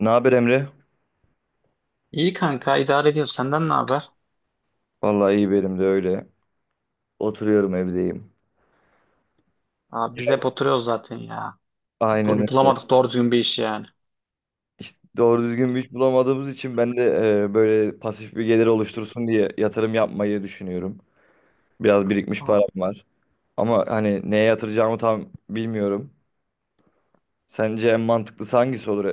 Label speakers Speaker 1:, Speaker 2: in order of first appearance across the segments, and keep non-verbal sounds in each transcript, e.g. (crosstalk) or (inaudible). Speaker 1: Ne haber Emre?
Speaker 2: İyi kanka, idare ediyor. Senden ne haber?
Speaker 1: Vallahi iyi, benim de öyle. Oturuyorum, evdeyim.
Speaker 2: Abi biz hep oturuyoruz zaten ya.
Speaker 1: Aynen öyle.
Speaker 2: Bulamadık doğru düzgün bir iş yani.
Speaker 1: İşte doğru düzgün bir iş bulamadığımız için ben de böyle pasif bir gelir oluştursun diye yatırım yapmayı düşünüyorum. Biraz birikmiş param
Speaker 2: Abi
Speaker 1: var. Ama hani neye yatıracağımı tam bilmiyorum. Sence en mantıklısı hangisi olur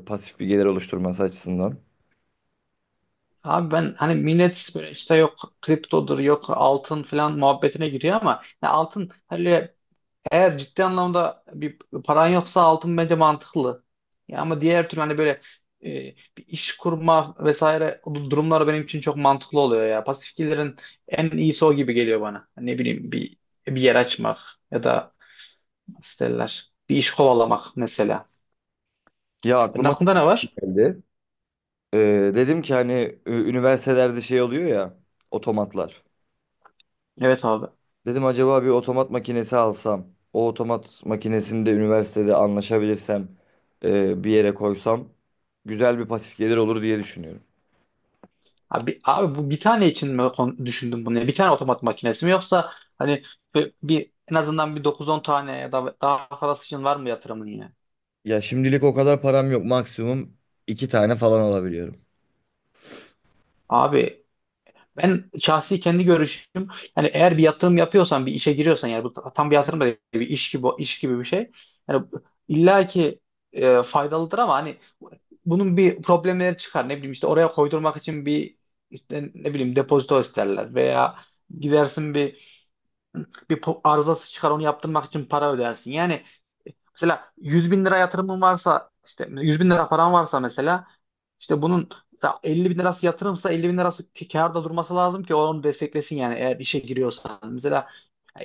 Speaker 1: pasif bir gelir oluşturması açısından?
Speaker 2: abi ben, hani millet böyle işte yok kriptodur, yok altın falan muhabbetine giriyor ama ya altın, hani eğer ciddi anlamda bir paran yoksa altın bence mantıklı. Ya ama diğer türlü hani böyle e, bir iş kurma vesaire durumları benim için çok mantıklı oluyor ya. Pasif gelirin en iyisi o gibi geliyor bana. Ne bileyim, bir yer açmak ya da nasıl derler? Bir iş kovalamak mesela.
Speaker 1: Ya
Speaker 2: Senin
Speaker 1: aklıma
Speaker 2: aklında ne
Speaker 1: şu
Speaker 2: var?
Speaker 1: geldi. Dedim ki hani üniversitelerde şey oluyor ya, otomatlar.
Speaker 2: Evet abi.
Speaker 1: Dedim acaba bir otomat makinesi alsam, o otomat makinesini de üniversitede anlaşabilirsem bir yere koysam güzel bir pasif gelir olur diye düşünüyorum.
Speaker 2: Abi, abi, bu bir tane için mi düşündün bunu? Yani bir tane otomat makinesi mi, yoksa hani en azından bir dokuz on tane ya da daha fazlası için var mı yatırımın yine?
Speaker 1: Ya şimdilik o kadar param yok. Maksimum iki tane falan alabiliyorum.
Speaker 2: Abi, ben şahsi kendi görüşüm, yani eğer bir yatırım yapıyorsan, bir işe giriyorsan, yani bu tam bir yatırım da değil, bir iş gibi, bir şey. Yani illa ki faydalıdır ama hani bunun bir problemleri çıkar. Ne bileyim, işte oraya koydurmak için bir, işte ne bileyim, depozito isterler veya gidersin, arızası çıkar, onu yaptırmak için para ödersin. Yani mesela 100.000 lira yatırımın varsa, işte 100.000 lira paran varsa mesela, işte bunun da 50 bin lirası yatırımsa, 50.000 lirası kârda durması lazım ki onu desteklesin, yani eğer işe giriyorsan. Mesela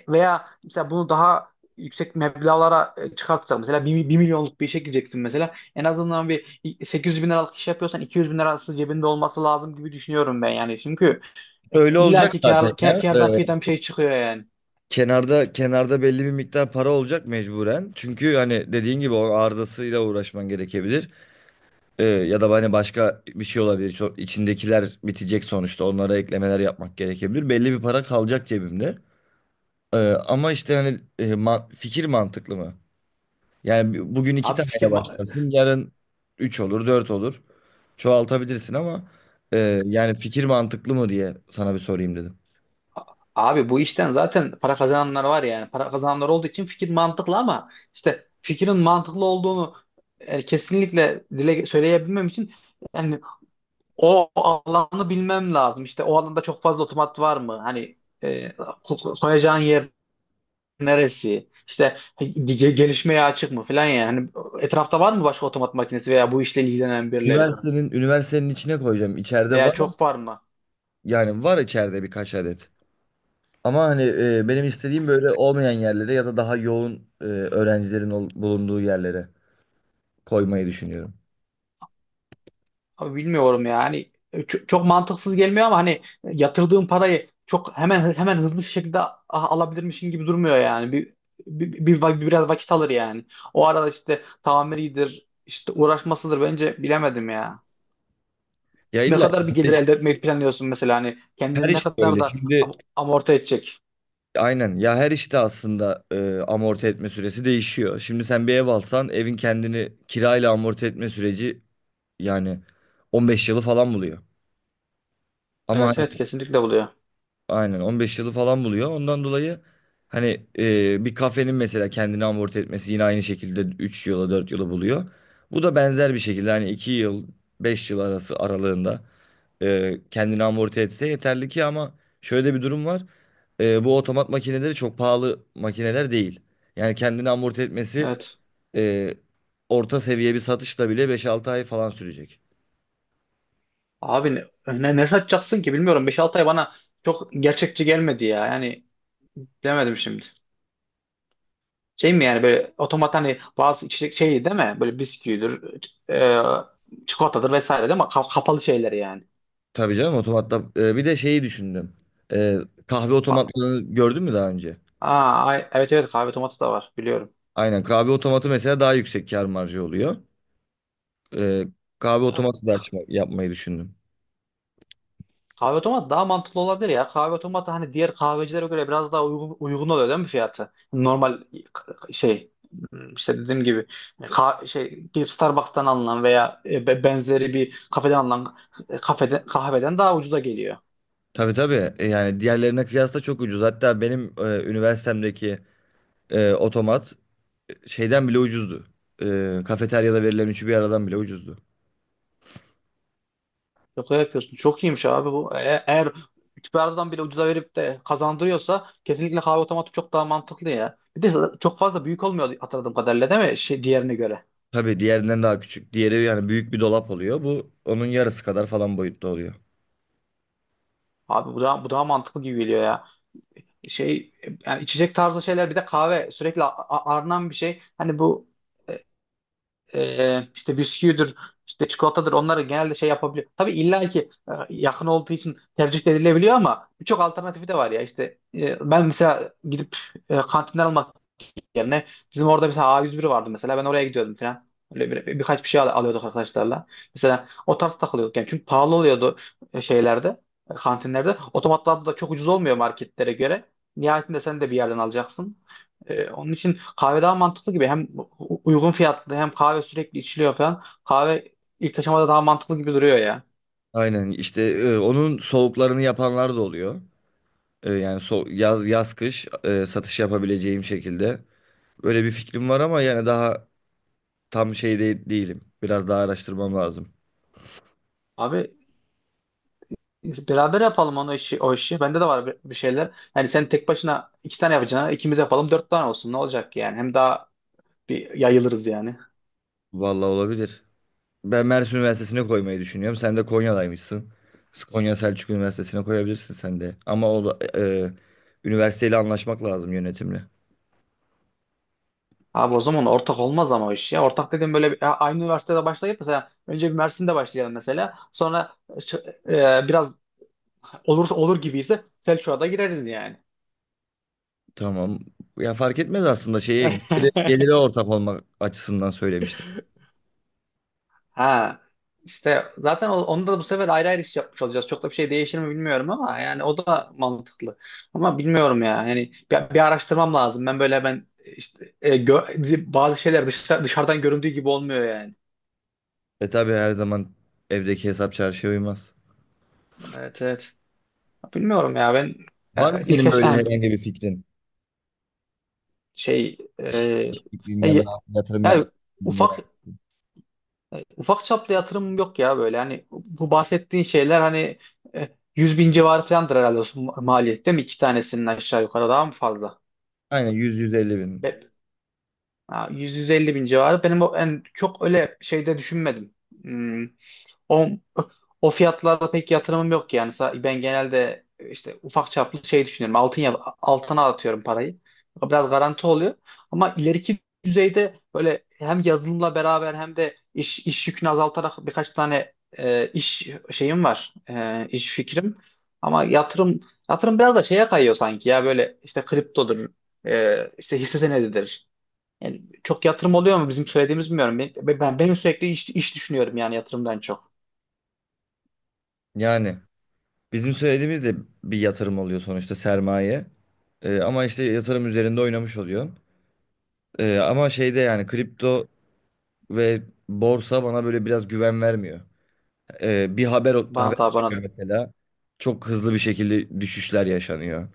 Speaker 2: veya mesela bunu daha yüksek meblağlara çıkartsak, mesela 1.000.000'luk bir işe gireceksin, mesela en azından bir sekiz 800.000 liralık iş yapıyorsan 200.000 lirası cebinde olması lazım gibi düşünüyorum ben, yani çünkü
Speaker 1: Öyle olacak
Speaker 2: illaki
Speaker 1: zaten ya.
Speaker 2: kârdan kıyıdan bir şey çıkıyor yani.
Speaker 1: Kenarda kenarda belli bir miktar para olacak mecburen. Çünkü hani dediğin gibi o ardasıyla uğraşman gerekebilir. Ya da hani başka bir şey olabilir. Çok, içindekiler bitecek sonuçta. Onlara eklemeler yapmak gerekebilir. Belli bir para kalacak cebimde. Ee, ama işte hani fikir mantıklı mı? Yani bugün iki
Speaker 2: Abi fikir
Speaker 1: taneyle
Speaker 2: ma-
Speaker 1: başlarsın. Yarın üç olur, dört olur. Çoğaltabilirsin ama yani fikir mantıklı mı diye sana bir sorayım dedim.
Speaker 2: abi bu işten zaten para kazananlar var yani. Para kazananlar olduğu için fikir mantıklı, ama işte fikrin mantıklı olduğunu kesinlikle dile söyleyebilmem için yani o alanı bilmem lazım. İşte o alanda çok fazla otomat var mı? Hani koyacağın yer neresi? İşte gelişmeye açık mı falan yani. Hani etrafta var mı başka otomat makinesi veya bu işle ilgilenen birileri?
Speaker 1: Üniversitenin içine koyacağım. İçeride
Speaker 2: Veya
Speaker 1: var.
Speaker 2: çok var mı?
Speaker 1: Yani var içeride birkaç adet. Ama hani benim istediğim böyle olmayan yerlere ya da daha yoğun öğrencilerin bulunduğu yerlere koymayı düşünüyorum.
Speaker 2: Abi bilmiyorum ya. Hani çok mantıksız gelmiyor, ama hani yatırdığın parayı çok hemen hemen hızlı şekilde alabilirmişin gibi durmuyor yani. Biraz vakit alır yani. O arada işte tamiridir, işte uğraşmasıdır, bence bilemedim ya.
Speaker 1: Ya
Speaker 2: Ne
Speaker 1: illa
Speaker 2: kadar bir gelir elde etmeyi planlıyorsun mesela, hani
Speaker 1: her
Speaker 2: kendini ne
Speaker 1: iş
Speaker 2: kadar
Speaker 1: böyle.
Speaker 2: da
Speaker 1: Şimdi
Speaker 2: amorti edecek.
Speaker 1: aynen ya, her işte aslında amorti etme süresi değişiyor. Şimdi sen bir ev alsan evin kendini kirayla amorti etme süreci yani 15 yılı falan buluyor. Ama
Speaker 2: Evet evet, kesinlikle buluyor.
Speaker 1: aynen 15 yılı falan buluyor. Ondan dolayı hani bir kafenin mesela kendini amorti etmesi yine aynı şekilde 3 yıla 4 yıla buluyor. Bu da benzer bir şekilde hani 2 yıl 5 yıl arası aralığında kendini amorti etse yeterli ki, ama şöyle bir durum var. Bu otomat makineleri çok pahalı makineler değil. Yani kendini amorti etmesi
Speaker 2: Evet.
Speaker 1: e, orta seviye bir satışla bile beş altı ay falan sürecek.
Speaker 2: Abi ne satacaksın ki, bilmiyorum. Beş altı ay bana çok gerçekçi gelmedi ya. Yani bilemedim şimdi. Şey mi yani, böyle otomat, hani bazı içecek şey değil mi? Böyle bisküvidir, çikolatadır vesaire değil mi? Kapalı şeyler yani.
Speaker 1: Tabii canım otomatla. Bir de şeyi düşündüm. Ee, Kahve otomatlarını gördün mü daha önce?
Speaker 2: Evet evet, kahve otomatı da var, biliyorum.
Speaker 1: Aynen, kahve otomatı mesela daha yüksek kâr marjı oluyor. Ee, Kahve otomatı da açma, yapmayı düşündüm.
Speaker 2: Kahve otomat daha mantıklı olabilir ya. Kahve otomatı hani diğer kahvecilere göre biraz daha uygun oluyor değil mi fiyatı? Normal şey, işte dediğim gibi, şey, gidip Starbucks'tan alınan veya benzeri bir kafeden alınan kahveden daha ucuza geliyor.
Speaker 1: Tabii tabii. E, yani diğerlerine kıyasla çok ucuz. Hatta benim üniversitemdeki otomat şeyden bile ucuzdu. Kafeteryada verilen üçü bir aradan bile ucuzdu.
Speaker 2: Yok öyle yapıyorsun. Çok iyiymiş abi bu. Eğer Üsküdar'dan bile ucuza verip de kazandırıyorsa, kesinlikle kahve otomatı çok daha mantıklı ya. Bir de çok fazla büyük olmuyor hatırladığım kadarıyla, değil mi? Şey, diğerine göre.
Speaker 1: Tabii diğerinden daha küçük. Diğeri yani büyük bir dolap oluyor. Bu onun yarısı kadar falan boyutta oluyor.
Speaker 2: Abi bu daha mantıklı gibi geliyor ya. Şey, yani içecek tarzı şeyler, bir de kahve sürekli aranan bir şey. Hani bu e, işte bisküvidir, işte çikolatadır, onları genelde şey yapabiliyor. Tabii illa ki yakın olduğu için tercih edilebiliyor, ama birçok alternatifi de var ya. İşte ben mesela gidip kantinden almak yerine bizim orada mesela A101 vardı, mesela ben oraya gidiyordum falan. Öyle birkaç bir şey alıyorduk arkadaşlarla. Mesela o tarz takılıyorduk yani, çünkü pahalı oluyordu şeylerde, kantinlerde. Otomatlarda da çok ucuz olmuyor marketlere göre. Nihayetinde sen de bir yerden alacaksın. Onun için kahve daha mantıklı gibi. Hem uygun fiyatlı, hem kahve sürekli içiliyor falan. Kahve ilk aşamada daha mantıklı gibi duruyor ya.
Speaker 1: Aynen, işte onun soğuklarını yapanlar da oluyor. E, yani so yaz yaz kış satış yapabileceğim şekilde. Böyle bir fikrim var ama yani daha tam şey de değilim. Biraz daha araştırmam lazım.
Speaker 2: Abi beraber yapalım o işi. Bende de var bir şeyler. Yani sen tek başına iki tane yapacağına, ikimiz yapalım, dört tane olsun. Ne olacak yani? Hem daha bir yayılırız yani.
Speaker 1: Vallahi olabilir. Ben Mersin Üniversitesi'ne koymayı düşünüyorum. Sen de Konya'daymışsın. Konya Selçuk Üniversitesi'ne koyabilirsin sen de. Ama üniversiteyle anlaşmak lazım, yönetimle.
Speaker 2: Abi o zaman ortak olmaz ama o iş ya. Ortak dedim böyle ya aynı üniversitede başlayıp mesela, önce bir Mersin'de başlayalım mesela. Sonra biraz olursa, olur gibiyse Selçuk'a da gireriz yani.
Speaker 1: Tamam. Ya fark etmez aslında, şeyi geliri,
Speaker 2: (laughs)
Speaker 1: geliri ortak olmak açısından söylemiştim.
Speaker 2: Ha, işte zaten onda da bu sefer ayrı ayrı iş yapmış olacağız. Çok da bir şey değişir mi bilmiyorum, ama yani o da mantıklı. Ama bilmiyorum ya. Yani bir araştırmam lazım. Ben işte bazı şeyler dışarıdan göründüğü gibi olmuyor yani.
Speaker 1: E tabii, her zaman evdeki hesap çarşıya uymaz.
Speaker 2: Evet evet. Bilmiyorum ya ben.
Speaker 1: Var
Speaker 2: Ya
Speaker 1: mı
Speaker 2: ilk
Speaker 1: senin
Speaker 2: yaş
Speaker 1: böyle
Speaker 2: yani
Speaker 1: herhangi bir fikrin?
Speaker 2: şey e,
Speaker 1: Fikrin
Speaker 2: ya,
Speaker 1: ya da
Speaker 2: ye-
Speaker 1: yatırım yapmak
Speaker 2: ya
Speaker 1: istediğin yere?
Speaker 2: ufak ufak çaplı yatırım yok ya, böyle hani bu bahsettiğin şeyler hani 100 bin civarı falandır herhalde o maliyet, değil mi? İki tanesinin aşağı yukarı, daha mı fazla?
Speaker 1: Aynen, 100-150 bin.
Speaker 2: Be, ha, 100-150 bin civarı, benim o en çok öyle şeyde düşünmedim. Hmm, O, o fiyatlarda pek yatırımım yok yani. Ben genelde işte ufak çaplı şey düşünüyorum. Altın altına atıyorum parayı. Biraz garanti oluyor. Ama ileriki düzeyde böyle hem yazılımla beraber, hem de iş yükünü azaltarak birkaç tane iş şeyim var. E, iş fikrim. Ama yatırım biraz da şeye kayıyor sanki ya, böyle işte kriptodur, işte hisse senedidir. Yani çok yatırım oluyor mu bizim söylediğimiz, bilmiyorum. Ben sürekli iş düşünüyorum yani, yatırımdan çok.
Speaker 1: Yani bizim söylediğimiz de bir yatırım oluyor sonuçta, sermaye. E, ama işte yatırım üzerinde oynamış oluyor. Ama şeyde yani kripto ve borsa bana böyle biraz güven vermiyor. Bir haber
Speaker 2: Bana da, bana da.
Speaker 1: çıkıyor mesela. Çok hızlı bir şekilde düşüşler yaşanıyor.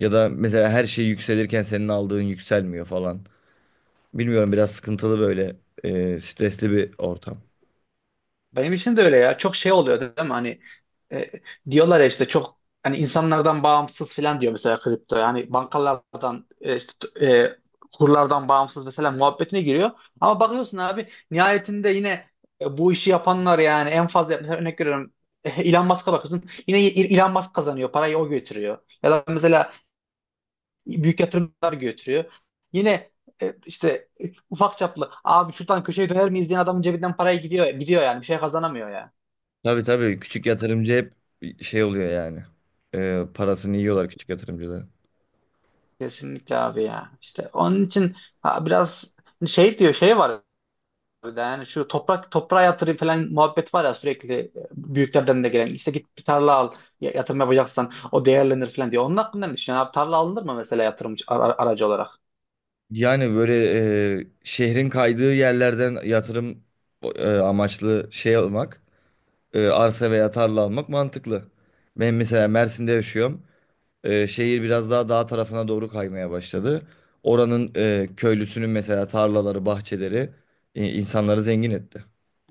Speaker 1: Ya da mesela her şey yükselirken senin aldığın yükselmiyor falan. Bilmiyorum, biraz sıkıntılı, böyle stresli bir ortam.
Speaker 2: Benim için de öyle ya. Çok şey oluyor değil mi? Hani e, diyorlar ya işte, çok hani insanlardan bağımsız falan diyor mesela kripto. Yani bankalardan kurlardan bağımsız mesela muhabbetine giriyor. Ama bakıyorsun abi, nihayetinde yine bu işi yapanlar yani, en fazla mesela örnek veriyorum, (laughs) Elon Musk'a bakıyorsun. Yine Elon Musk kazanıyor. Parayı o götürüyor. Ya da mesela büyük yatırımlar götürüyor. Yine e, işte e, ufak çaplı abi şuradan köşeye döner miyiz diyen adamın cebinden paraya gidiyor, gidiyor yani, bir şey kazanamıyor ya.
Speaker 1: Tabii tabii, küçük yatırımcı hep şey oluyor yani. Parasını yiyorlar küçük yatırımcılar.
Speaker 2: Kesinlikle abi ya. İşte onun için, ha, biraz hani şey diyor şey var bir de yani şu toprak, toprağa yatırayım falan muhabbet var ya sürekli, büyüklerden de gelen, işte git bir tarla al, yatırım yapacaksan o değerlenir falan diyor. Onun hakkında ne düşünüyorsun abi, tarla alınır mı mesela yatırım aracı olarak?
Speaker 1: Yani böyle şehrin kaydığı yerlerden yatırım amaçlı şey almak, arsa veya tarla almak mantıklı. Ben mesela Mersin'de yaşıyorum. E, şehir biraz daha dağ tarafına doğru kaymaya başladı. Oranın köylüsünün mesela tarlaları, bahçeleri insanları zengin etti.